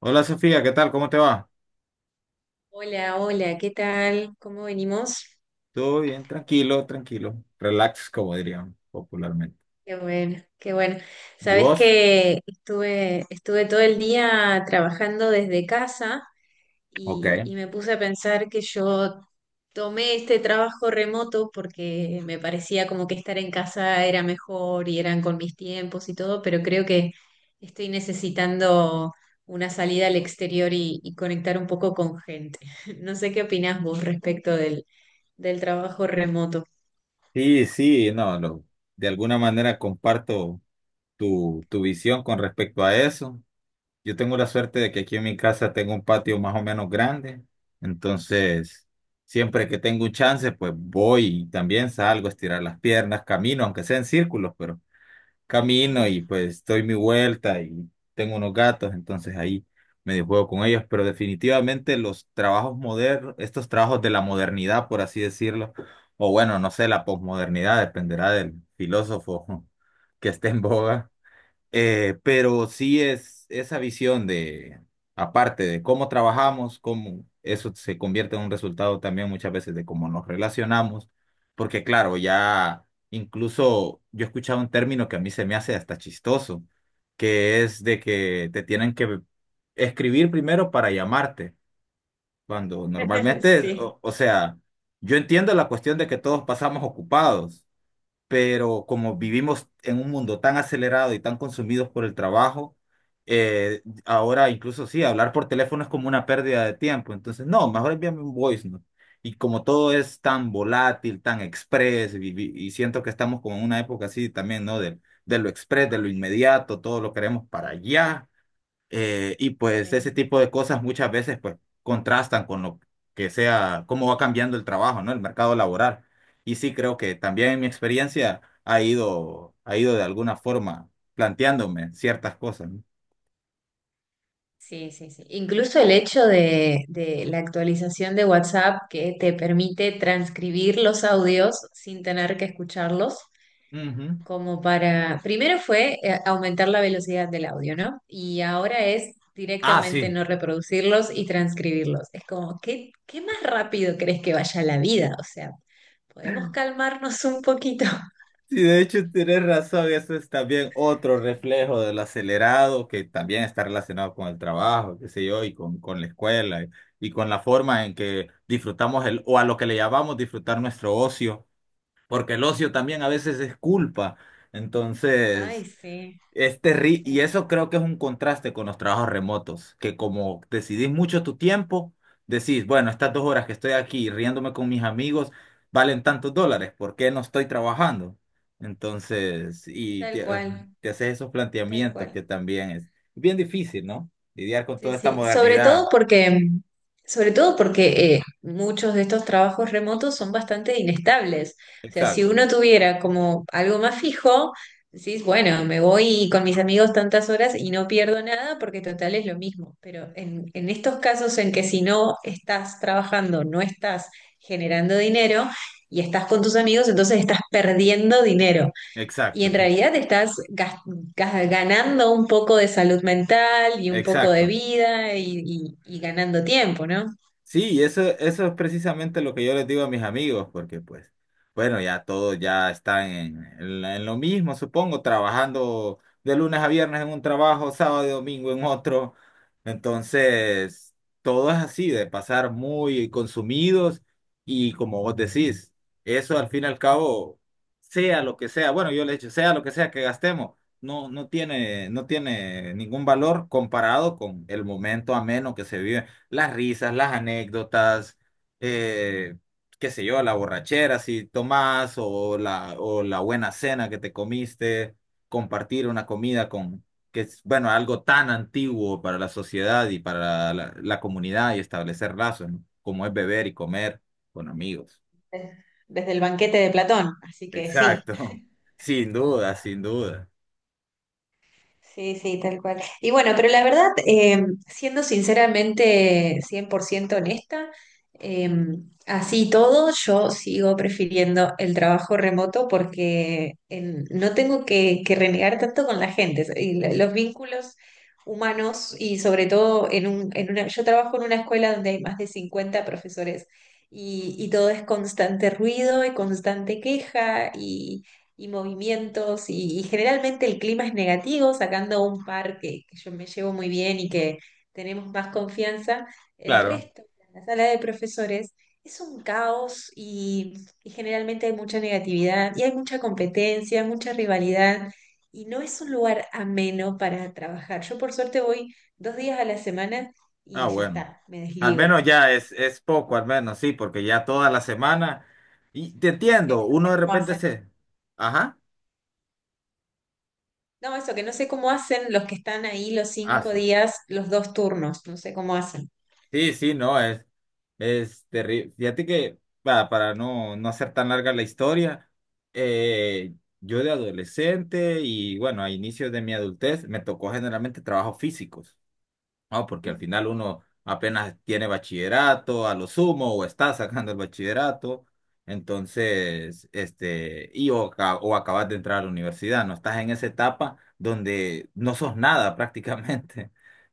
Hola Sofía, ¿qué tal? ¿Cómo te va? Hola, hola, ¿qué tal? ¿Cómo venimos? Todo bien, tranquilo, tranquilo. Relax, como dirían popularmente. Qué bueno, qué bueno. ¿Y Sabes vos? que estuve todo el día trabajando desde casa Ok. y me puse a pensar que yo tomé este trabajo remoto porque me parecía como que estar en casa era mejor y eran con mis tiempos y todo, pero creo que estoy necesitando una salida al exterior y conectar un poco con gente. No sé qué opinás vos respecto del trabajo remoto. Sí, sí, no, lo- de alguna manera comparto tu visión con respecto a eso. Yo tengo la suerte de que aquí en mi casa tengo un patio más o menos grande, entonces siempre que tengo un chance, pues voy y también salgo a estirar las piernas, camino, aunque sea en círculos, pero camino y Mm. pues doy mi vuelta y tengo unos gatos, entonces ahí medio juego con ellos, pero definitivamente los trabajos modernos, estos trabajos de la modernidad, por así decirlo, o bueno, no sé, la posmodernidad, dependerá del filósofo que esté en boga, pero sí es esa visión de, aparte de cómo trabajamos, cómo eso se convierte en un resultado también muchas veces de cómo nos relacionamos, porque claro, ya incluso yo he escuchado un término que a mí se me hace hasta chistoso, que es de que te tienen que escribir primero para llamarte, cuando normalmente, Sí. O sea, yo entiendo la cuestión de que todos pasamos ocupados, pero como vivimos en un mundo tan acelerado y tan consumidos por el trabajo, ahora incluso sí, hablar por teléfono es como una pérdida de tiempo. Entonces, no, mejor envíame un voice note. Y como todo es tan volátil, tan express, y siento que estamos como en una época así también, ¿no? De lo express, de lo inmediato, todo lo queremos para allá. Y pues ese Sí, tipo de cosas muchas veces pues contrastan con lo que sea, cómo va cambiando el trabajo, ¿no? El mercado laboral. Y sí creo que también en mi experiencia ha ido de alguna forma planteándome ciertas cosas, ¿no? sí, sí, sí. Incluso el hecho de la actualización de WhatsApp que te permite transcribir los audios sin tener que escucharlos, Ujú. como para, primero fue aumentar la velocidad del audio, ¿no? Y ahora es Ah, directamente sí. no reproducirlos y transcribirlos. Es como, ¿qué más rápido crees que vaya la vida? O sea, podemos calmarnos un poquito. Sí, de hecho tienes razón, eso es también otro reflejo del acelerado que también está relacionado con el trabajo, qué sé yo, y con la escuela y con la forma en que disfrutamos el, o a lo que le llamamos disfrutar nuestro ocio, porque el ocio Ujú. también a veces es culpa. Ay, Entonces, sí. es terri y Sí, eso creo que es un contraste con los trabajos remotos, que como decidís mucho tu tiempo, decís, bueno, estas 2 horas que estoy aquí riéndome con mis amigos valen tantos dólares, ¿por qué no estoy trabajando? Entonces, y tal te, ah, cual, te haces esos tal planteamientos cual. que también es bien difícil, ¿no? Lidiar con Sí, toda esta sí, modernidad. Sobre todo porque muchos de estos trabajos remotos son bastante inestables. O sea, si Exacto, uno tuviera como algo más fijo, decís, bueno, me voy con mis amigos tantas horas y no pierdo nada porque total es lo mismo. Pero en estos casos en que si no estás trabajando, no estás generando dinero y estás con tus amigos, entonces estás perdiendo dinero. Y exacto, en realidad estás ganando un poco de salud mental y un poco de exacto. vida y ganando tiempo, ¿no? Sí, eso es precisamente lo que yo les digo a mis amigos, porque pues, bueno, ya todos ya están en la- en lo mismo, supongo, trabajando de lunes a viernes en un trabajo, sábado y domingo en otro. Entonces, todo es así, de pasar muy consumidos y como vos decís, eso al fin y al cabo, sea lo que sea, bueno, yo le he dicho, sea lo que sea que gastemos, no, no tiene, no tiene ningún valor comparado con el momento ameno que se vive, las risas, las anécdotas, eh, qué sé yo, la borrachera si tomás o la buena cena que te comiste, compartir una comida con, que es, bueno, algo tan antiguo para la sociedad y para la comunidad y establecer lazos, ¿no? Como es beber y comer con amigos. Desde el banquete de Platón, así que sí. Exacto, sin duda, sin duda. Sí, sí, tal cual. Y bueno, pero la verdad, siendo sinceramente 100% honesta, eh, así y todo, yo sigo prefiriendo el trabajo remoto porque en- no tengo que renegar tanto con la gente y lo- los vínculos humanos y sobre todo en un, en una, yo trabajo en una escuela donde hay más de 50 profesores y todo es constante ruido y constante queja y movimientos y generalmente el clima es negativo, sacando un par que yo me llevo muy bien y que tenemos más confianza, el Claro. resto, la sala de profesores, es un caos y generalmente hay mucha negatividad y hay mucha competencia, mucha rivalidad y no es un lugar ameno para trabajar. Yo por suerte voy 2 días a la semana Ah, y ya bueno. está, me Al desligo. menos ya es poco, al menos, sí, porque ya toda la semana. Y te Sí, entiendo, no uno sé de cómo repente hacen. se. Ajá. No, eso que no sé cómo hacen los que están ahí los Ah, cinco sí. días, los dos turnos, no sé cómo hacen. Sí, sí, no, es terrible. Fíjate que, para no, no hacer tan larga la historia, eh, yo de adolescente y bueno, a inicios de mi adultez me tocó generalmente trabajos físicos. No, porque al final uno apenas tiene bachillerato, a lo sumo, o está sacando el bachillerato, entonces, este, y o, ca- o acabas de entrar a la universidad, no estás en esa etapa donde no sos nada prácticamente.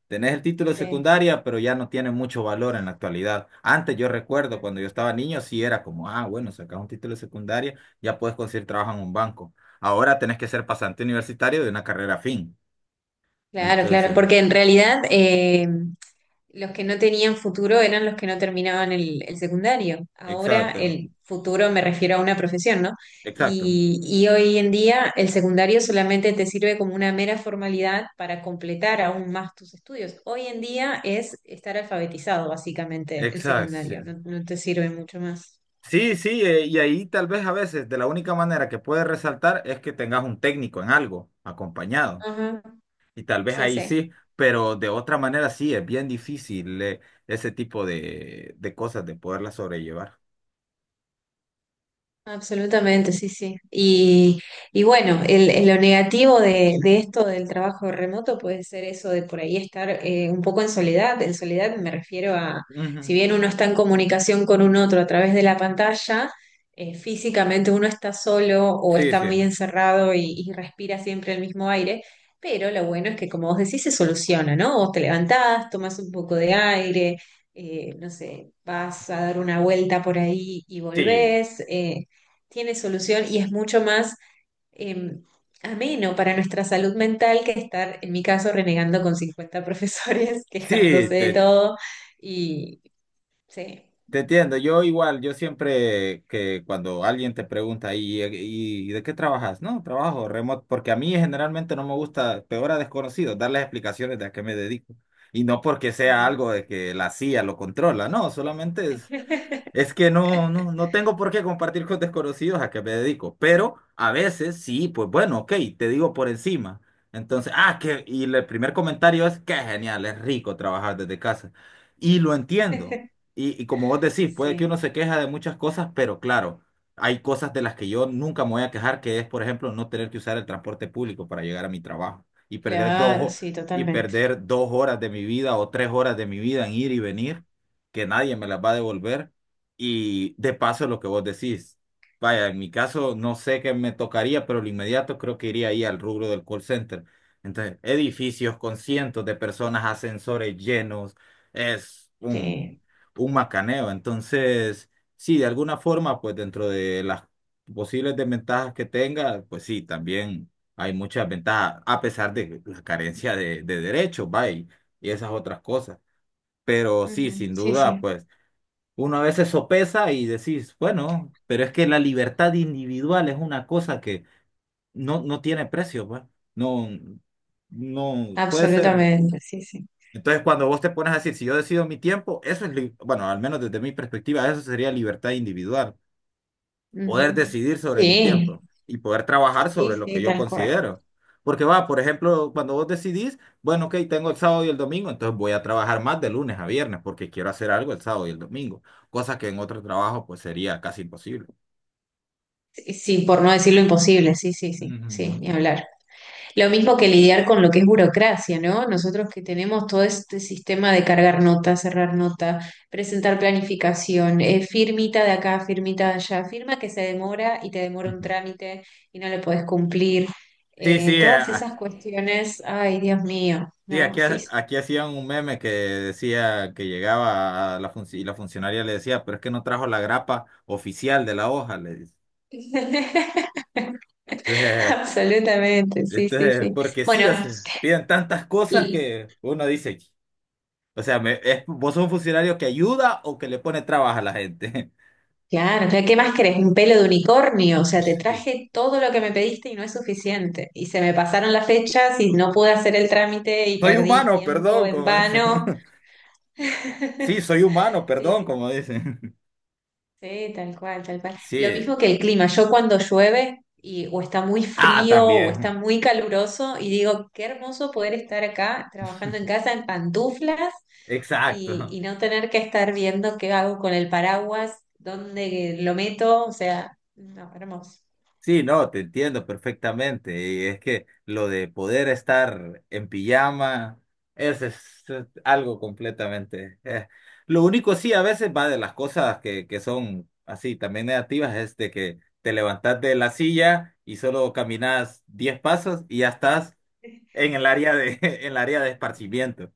Tenés el título de Sí. secundaria, pero ya no tiene mucho valor en la actualidad. Antes yo recuerdo cuando yo Ujú. estaba niño, sí era como, ah, bueno, sacas un título de secundaria, ya puedes conseguir trabajo en un banco. Ahora tenés que ser pasante universitario de una carrera fin. Claro, claro, Entonces, porque en realidad los que no tenían futuro eran los que no terminaban el secundario. Ahora exacto, el futuro me refiero a una profesión, ¿no? exacto. Y hoy en día el secundario solamente te sirve como una mera formalidad para completar aún más tus estudios. Hoy en día es estar alfabetizado, básicamente, el secundario, Exacto. no, no te sirve mucho más. Sí, sí, sí, y ahí tal vez a veces de la única manera que puedes resaltar es que tengas un técnico en algo acompañado. Y tal vez Sí, ahí sí. sí, pero de otra manera sí, es bien difícil, ese tipo de cosas de poderlas sobrellevar. Absolutamente, sí, sí. Y bueno, lo negativo de esto del trabajo remoto puede ser eso de por ahí estar un poco en soledad. En soledad me refiero a, si Ujú. bien uno está en comunicación con un otro a través de la pantalla, físicamente uno está solo o Sí, está sí. muy encerrado y respira siempre el mismo aire. Pero lo bueno es que, como vos decís, se soluciona, ¿no? Vos te levantás, tomás un poco de aire. No sé, vas a dar una vuelta por ahí y Sí, volvés. Tiene solución y es mucho más eh, ameno para nuestra salud mental que estar, en mi caso, renegando con 50 profesores, sí, quejándose de te, todo. Y sí. Te entiendo, yo igual, yo siempre que cuando alguien te pregunta, y de qué trabajas? No, trabajo remoto, porque a mí generalmente no me gusta, peor a desconocidos, darles explicaciones de a qué me dedico. Y no porque sea Ujú. algo de que la CIA lo controla, no, solamente es es que no, no, no tengo por qué compartir con desconocidos a qué me dedico, pero a veces sí, pues bueno, ok, te digo por encima. Entonces, ah, que, y el primer comentario es, qué genial, es rico trabajar desde casa. Y lo entiendo. Y como vos decís, puede que uno Sí, se queja de muchas cosas, pero claro, hay cosas de las que yo nunca me voy a quejar, que es, por ejemplo, no tener que usar el transporte público para llegar a mi trabajo y perder dos, claro, ho- sí, y totalmente. perder 2 horas de mi vida o 3 horas de mi vida en ir y venir, que nadie me las va a devolver. Y de paso lo que vos decís, vaya, en mi caso no sé qué me tocaría, pero lo inmediato creo que iría ahí al rubro del call center. Entonces, edificios con 100 de personas, ascensores llenos, es Sí, un macaneo. Entonces, sí, de alguna forma, pues dentro de las posibles desventajas que tenga, pues sí, también hay muchas ventajas, a pesar de la carencia de derechos, vaya, y esas otras cosas. Pero sí, Ujú. sin Sí, duda, sí, pues... Uno a veces sopesa y decís, bueno, pero es que la libertad individual es una cosa que no, no tiene precio, pues. No, no puede ser. absolutamente, sí, sí. Entonces, cuando vos te pones a decir, si yo decido mi tiempo, eso es, li- bueno, al menos desde mi perspectiva, eso sería libertad individual, poder Ujú. decidir sobre mi Sí, tiempo y poder trabajar sobre sí, lo que sí, yo tal cual. considero. Porque va, por ejemplo, cuando vos decidís, bueno, ok, tengo el sábado y el domingo, entonces voy a trabajar más de lunes a viernes porque quiero hacer algo el sábado y el domingo, cosa que en otro trabajo pues sería casi imposible. Sí, sí, por no decir lo imposible, sí, sí, sí, sí, Ujú. ni hablar. Lo mismo que lidiar con lo que es burocracia, ¿no? Nosotros que tenemos todo este sistema de cargar nota, cerrar nota, presentar planificación, firmita de acá, firmita de allá, firma que se demora y te demora un Ujú. trámite y no lo podés cumplir. Sí, sí, Todas esas cuestiones, ay, Dios mío, sí, ¿no? aquí, Sí, ha- sí. aquí hacían un meme que decía que llegaba a la funci- y la funcionaria le decía, pero es que no trajo la grapa oficial de la hoja, le dice. Absolutamente, sí, sí, Entonces, sí. porque sí, Bueno, o sea, piden tantas cosas que uno dice, o sea, me- es- vos sos un funcionario que ayuda o que le pone trabajo a la gente. claro, claro, ¿qué más querés? Un pelo de unicornio, o sea, te Sí. traje todo lo que me pediste y no es suficiente. Y se me pasaron las fechas y no pude hacer el trámite y Soy perdí humano, tiempo perdón, en como dicen. vano. Sí, soy humano, Sí, perdón, sí, como dicen. sí, tal cual, tal cual. Lo mismo Sí. que el clima, yo cuando llueve y o está muy Ah, frío o está también. muy caluroso y digo, qué hermoso poder estar acá trabajando en casa en pantuflas y, Exacto. y no tener que estar viendo qué hago con el paraguas, dónde lo meto, o sea, no, hermoso. Sí, no, te entiendo perfectamente. Y es que lo de poder estar en pijama, eso es algo completamente. Lo único sí, a veces va de las cosas que son así también negativas, es de que te levantás de la silla y solo caminas 10 pasos y ya estás en el área de, en el área de esparcimiento.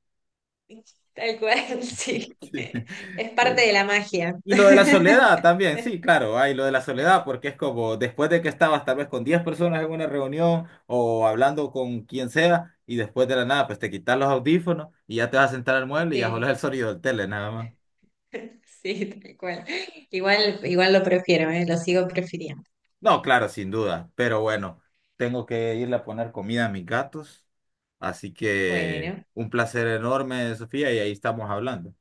Tal cual, sí. Sí. Es parte de la magia. Y lo de la soledad también, sí, claro, hay lo de la soledad, porque es como después de que estabas tal vez con 10 personas en una reunión o hablando con quien sea, y después de la nada, pues te quitas los audífonos y ya te vas a sentar al mueble y ya solo Sí, es el sonido del tele, nada más. sí, tal cual. Igual, igual lo prefiero, ¿eh? Lo sigo prefiriendo. No, claro, sin duda, pero bueno, tengo que irle a poner comida a mis gatos, así que Bueno, un placer enorme, Sofía, y ahí estamos hablando.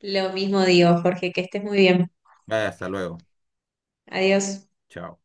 lo mismo digo, Jorge, que estés muy bien. Vaya, hasta luego. Adiós. Chao.